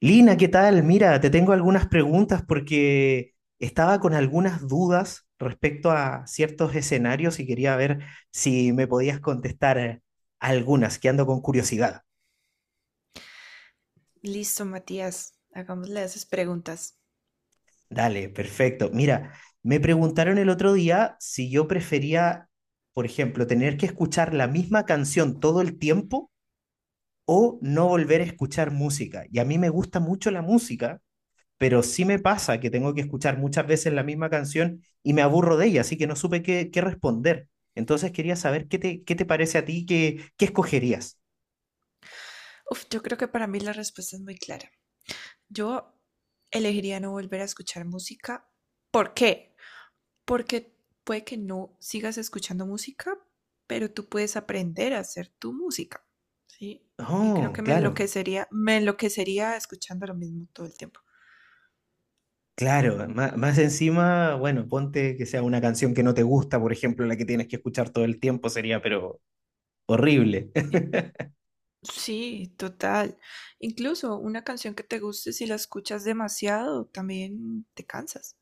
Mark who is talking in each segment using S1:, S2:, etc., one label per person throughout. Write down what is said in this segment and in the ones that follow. S1: Lina, ¿qué tal? Mira, te tengo algunas preguntas porque estaba con algunas dudas respecto a ciertos escenarios y quería ver si me podías contestar algunas, que ando con curiosidad.
S2: Listo, Matías. Hagámosle esas preguntas.
S1: Dale, perfecto. Mira, me preguntaron el otro día si yo prefería, por ejemplo, tener que escuchar la misma canción todo el tiempo o no volver a escuchar música. Y a mí me gusta mucho la música, pero sí me pasa que tengo que escuchar muchas veces la misma canción y me aburro de ella, así que no supe qué responder. Entonces quería saber qué te parece a ti, qué escogerías.
S2: Uf, yo creo que para mí la respuesta es muy clara. Yo elegiría no volver a escuchar música. ¿Por qué? Porque puede que no sigas escuchando música, pero tú puedes aprender a hacer tu música. ¿Sí? Y creo
S1: Oh,
S2: que
S1: claro,
S2: me enloquecería escuchando lo mismo todo el tiempo.
S1: claro. Más encima, bueno, ponte que sea una canción que no te gusta, por ejemplo, la que tienes que escuchar todo el tiempo sería, pero horrible.
S2: Eh, Sí, total. Incluso una canción que te guste, si la escuchas demasiado, también te cansas.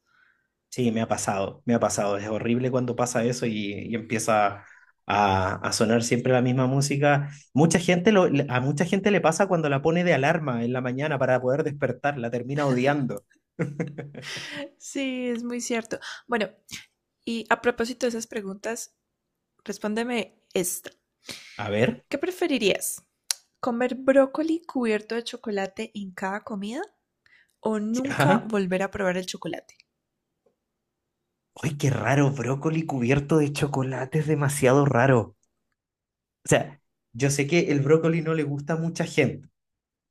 S1: Sí, me ha pasado, me ha pasado. Es horrible cuando pasa eso y empieza a sonar siempre la misma música. Mucha gente a mucha gente le pasa cuando la pone de alarma en la mañana para poder despertar, la termina odiando.
S2: Sí, es muy cierto. Bueno, y a propósito de esas preguntas, respóndeme esta.
S1: A ver,
S2: ¿Qué preferirías? ¿Comer brócoli cubierto de chocolate en cada comida o nunca
S1: ya.
S2: volver a probar el chocolate?
S1: ¡Ay, qué raro! Brócoli cubierto de chocolate es demasiado raro. O sea, yo sé que el brócoli no le gusta a mucha gente.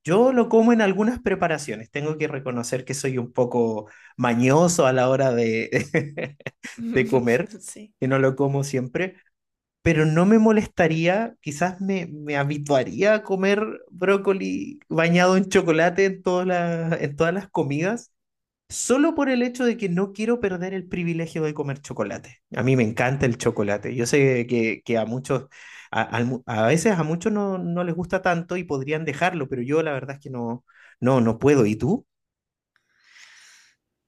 S1: Yo lo como en algunas preparaciones. Tengo que reconocer que soy un poco mañoso a la hora de, de comer,
S2: Sí,
S1: que no lo como siempre, pero no me molestaría, quizás me habituaría a comer brócoli bañado en chocolate en en todas las comidas. Solo por el hecho de que no quiero perder el privilegio de comer chocolate. A mí me encanta el chocolate. Yo sé que a muchos, a veces a muchos no, no les gusta tanto y podrían dejarlo, pero yo la verdad es que no puedo. ¿Y tú?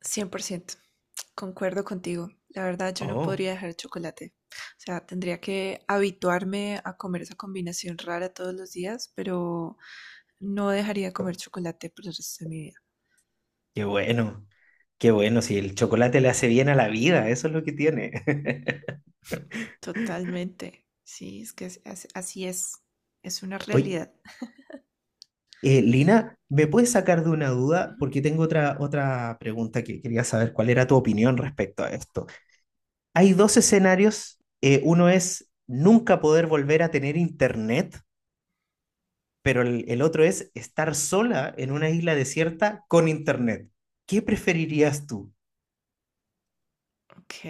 S2: 100% concuerdo contigo. La verdad, yo no
S1: Oh,
S2: podría dejar el chocolate. O sea, tendría que habituarme a comer esa combinación rara todos los días, pero no dejaría de comer chocolate por el resto de mi vida.
S1: qué bueno, qué bueno. Si el chocolate le hace bien a la vida, eso es lo que tiene.
S2: Totalmente. Sí, es que así es. Es una
S1: Oye,
S2: realidad.
S1: Lina, ¿me puedes sacar de una duda?
S2: Ujú.
S1: Porque tengo otra pregunta que quería saber cuál era tu opinión respecto a esto. Hay dos escenarios. Uno es nunca poder volver a tener internet, pero el otro es estar sola en una isla desierta con internet. ¿Qué preferirías tú?
S2: Ok.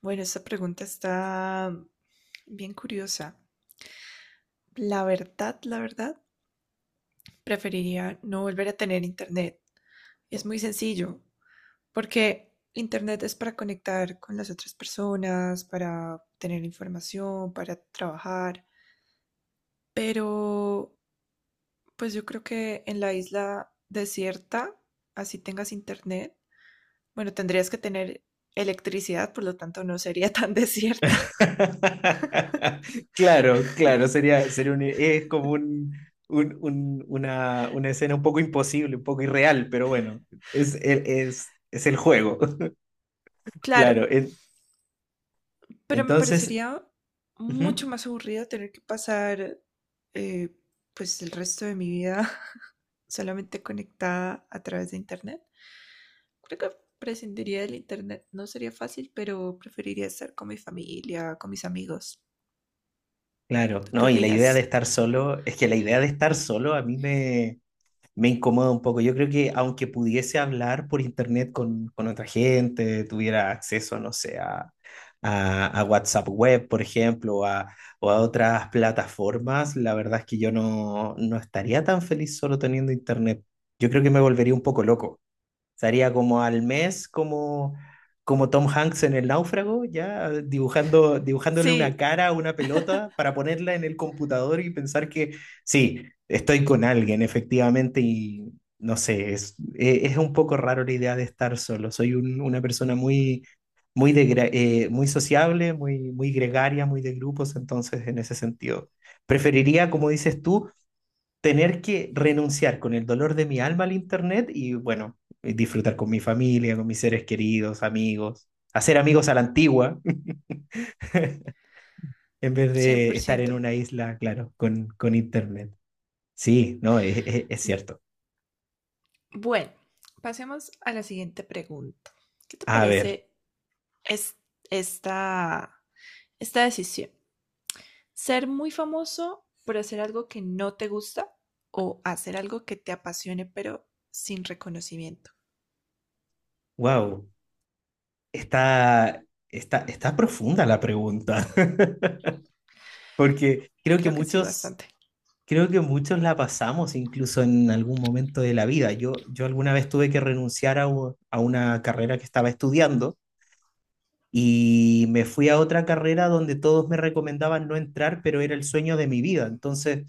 S2: Bueno, esta pregunta está bien curiosa. La verdad, preferiría no volver a tener internet. Es muy sencillo, porque internet es para conectar con las otras personas, para tener información, para trabajar, pero pues yo creo que en la isla desierta, así tengas internet, bueno, tendrías que tener electricidad, por lo tanto no sería tan desierta.
S1: Claro, claro, es como una escena un poco imposible, un poco irreal, pero bueno, es el juego,
S2: Claro,
S1: claro.
S2: pero me
S1: Entonces,
S2: parecería mucho
S1: ujú,
S2: más aburrido tener que pasar eh, pues el resto de mi vida solamente conectada a través de internet. Creo que prescindiría del internet. No sería fácil, pero preferiría estar con mi familia, con mis amigos.
S1: claro,
S2: ¿Tú qué
S1: no, y la idea de
S2: opinas?
S1: estar solo, es que la idea de estar solo a me incomoda un poco. Yo creo que aunque pudiese hablar por internet con otra gente, tuviera acceso, no sé, a WhatsApp Web, por ejemplo, o a otras plataformas, la verdad es que yo no, no estaría tan feliz solo teniendo internet. Yo creo que me volvería un poco loco. Estaría como al mes, como, como Tom Hanks en El Náufrago, ya dibujando, dibujándole una
S2: Sí,
S1: cara a una pelota para ponerla en el computador y pensar que sí, estoy con alguien, efectivamente, y no sé, es un poco raro la idea de estar solo. Soy una persona muy, muy sociable, muy, muy gregaria, muy de grupos, entonces en ese sentido. Preferiría, como dices tú, tener que renunciar con el dolor de mi alma al internet y bueno, disfrutar con mi familia, con mis seres queridos, amigos, hacer amigos a la antigua, en vez
S2: cien
S1: de
S2: por
S1: estar en
S2: ciento.
S1: una isla, claro, con internet. Sí, no, es cierto.
S2: Bueno, pasemos a la siguiente pregunta. ¿Qué te
S1: A ver,
S2: parece es- esta, esta decisión? ¿Ser muy famoso por hacer algo que no te gusta o hacer algo que te apasione pero sin reconocimiento?
S1: wow, está, está profunda la pregunta, porque creo que
S2: Creo que sí,
S1: muchos...
S2: bastante.
S1: Creo que muchos la pasamos incluso en algún momento de la vida. Yo alguna vez tuve que renunciar a una carrera que estaba estudiando. Y me fui a otra carrera donde todos me recomendaban no entrar, pero era el sueño de mi vida. Entonces,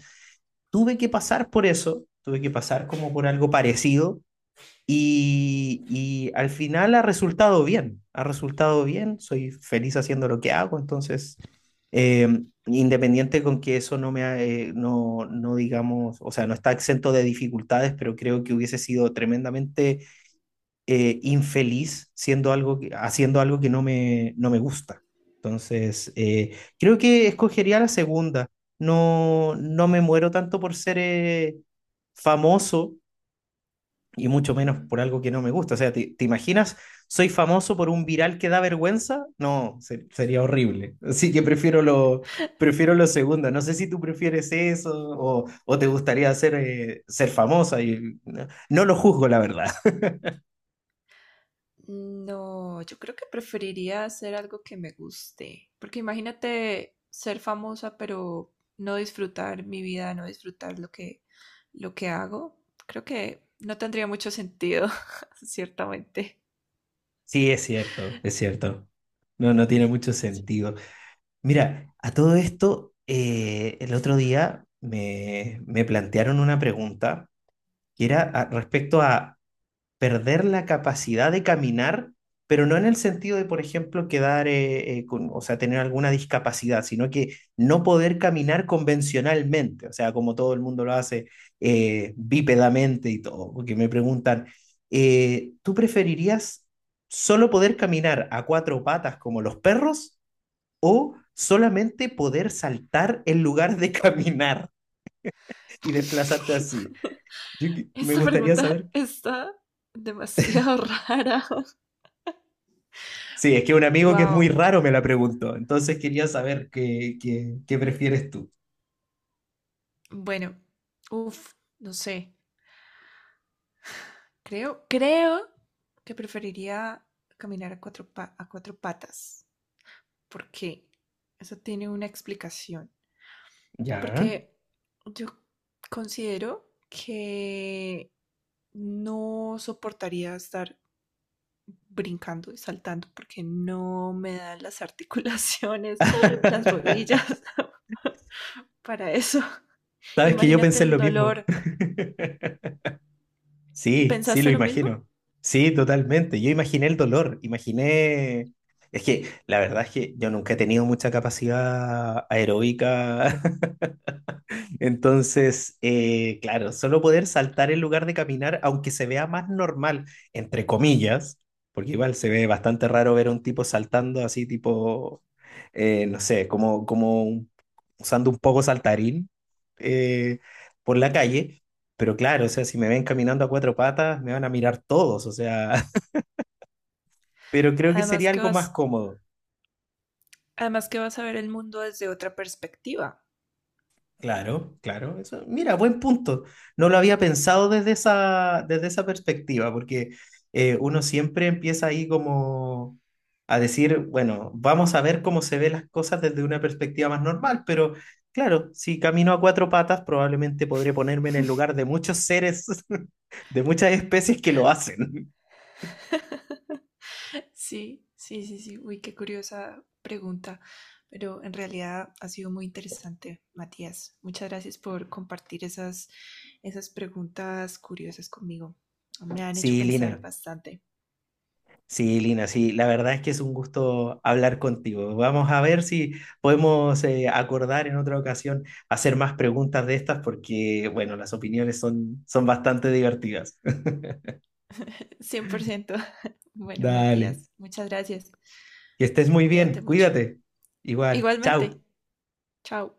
S1: tuve que pasar por eso, tuve que pasar como por algo parecido y al final ha resultado bien, soy feliz haciendo lo que hago, entonces, eh, independiente con que eso no me, no digamos, o sea, no está exento de dificultades, pero creo que hubiese sido tremendamente infeliz siendo haciendo algo que no me, no me gusta. Entonces, creo que escogería la segunda. No, no me muero tanto por ser famoso y mucho menos
S2: Ujú.
S1: por algo que no me gusta. O sea, te imaginas? ¿Soy famoso por un viral que da vergüenza? No, sería horrible. Así que prefiero lo segundo. No sé si tú prefieres eso o te gustaría ser, ser famosa. Y, no, no lo juzgo, la verdad.
S2: No, yo creo que preferiría hacer algo que me guste, porque imagínate ser famosa pero no disfrutar mi vida, no disfrutar lo que hago. Creo que no tendría mucho sentido, ciertamente.
S1: Sí, es cierto, es cierto. No, no tiene mucho
S2: Sí.
S1: sentido. Mira, a todo esto, el otro día me plantearon una pregunta que era respecto a perder la capacidad de caminar, pero no en el sentido de, por ejemplo, quedar, con, o sea, tener alguna discapacidad, sino que no poder caminar convencionalmente, o sea, como todo el mundo lo hace, bípedamente y todo, porque me preguntan, ¿tú preferirías solo poder caminar a cuatro patas como los perros o solamente poder saltar en lugar de caminar y desplazarte así? Yo, me
S2: Esta
S1: gustaría
S2: pregunta
S1: saber.
S2: está demasiado rara.
S1: Sí, es que un amigo que es muy
S2: Wow.
S1: raro me la preguntó, entonces quería saber qué prefieres tú.
S2: Bueno, uff, no sé. Creo que preferiría caminar a a cuatro patas. ¿Por qué? Eso tiene una explicación.
S1: Ya.
S2: Porque yo considero que no soportaría estar brincando y saltando porque no me dan las articulaciones, las rodillas para eso.
S1: Sabes que yo
S2: Imagínate
S1: pensé en
S2: el
S1: lo mismo.
S2: dolor.
S1: Sí, sí, lo
S2: ¿Pensaste lo mismo?
S1: imagino. Sí, totalmente. Yo imaginé el dolor, imaginé... Es que la verdad es que yo nunca he tenido mucha capacidad aeróbica. Entonces, claro, solo poder saltar en lugar de caminar, aunque se vea más normal, entre comillas, porque igual se ve bastante raro ver a un tipo saltando así, tipo, no sé, como usando un poco saltarín eh, por la calle. Pero claro, o sea, si me ven caminando a cuatro patas, me van a mirar todos, o sea, pero creo que
S2: Además
S1: sería
S2: que
S1: algo más
S2: vas,
S1: cómodo.
S2: además que vas a ver el mundo desde otra perspectiva.
S1: Claro, claro. Eso, mira, buen punto. No lo había pensado desde esa perspectiva, porque uno siempre empieza ahí como a decir, bueno, vamos a ver cómo se ven las cosas desde una perspectiva más normal, pero claro, si camino a cuatro patas, probablemente podré ponerme en el lugar de muchos seres, de muchas especies que lo hacen.
S2: Sí, sí, sí, sí. Uy, qué curiosa pregunta, pero en realidad ha sido muy interesante, Matías. Muchas gracias por compartir esas preguntas curiosas conmigo. Me han hecho
S1: Sí,
S2: pensar
S1: Lina,
S2: bastante.
S1: sí, Lina, sí, la verdad es que es un gusto hablar contigo. Vamos a ver si podemos acordar en otra ocasión hacer más preguntas de estas porque, bueno, las opiniones son, son bastante divertidas.
S2: 100%. Bueno,
S1: Dale,
S2: Matías, muchas gracias.
S1: que estés muy bien,
S2: Cuídate mucho.
S1: cuídate. Igual, chao.
S2: Igualmente. Chao.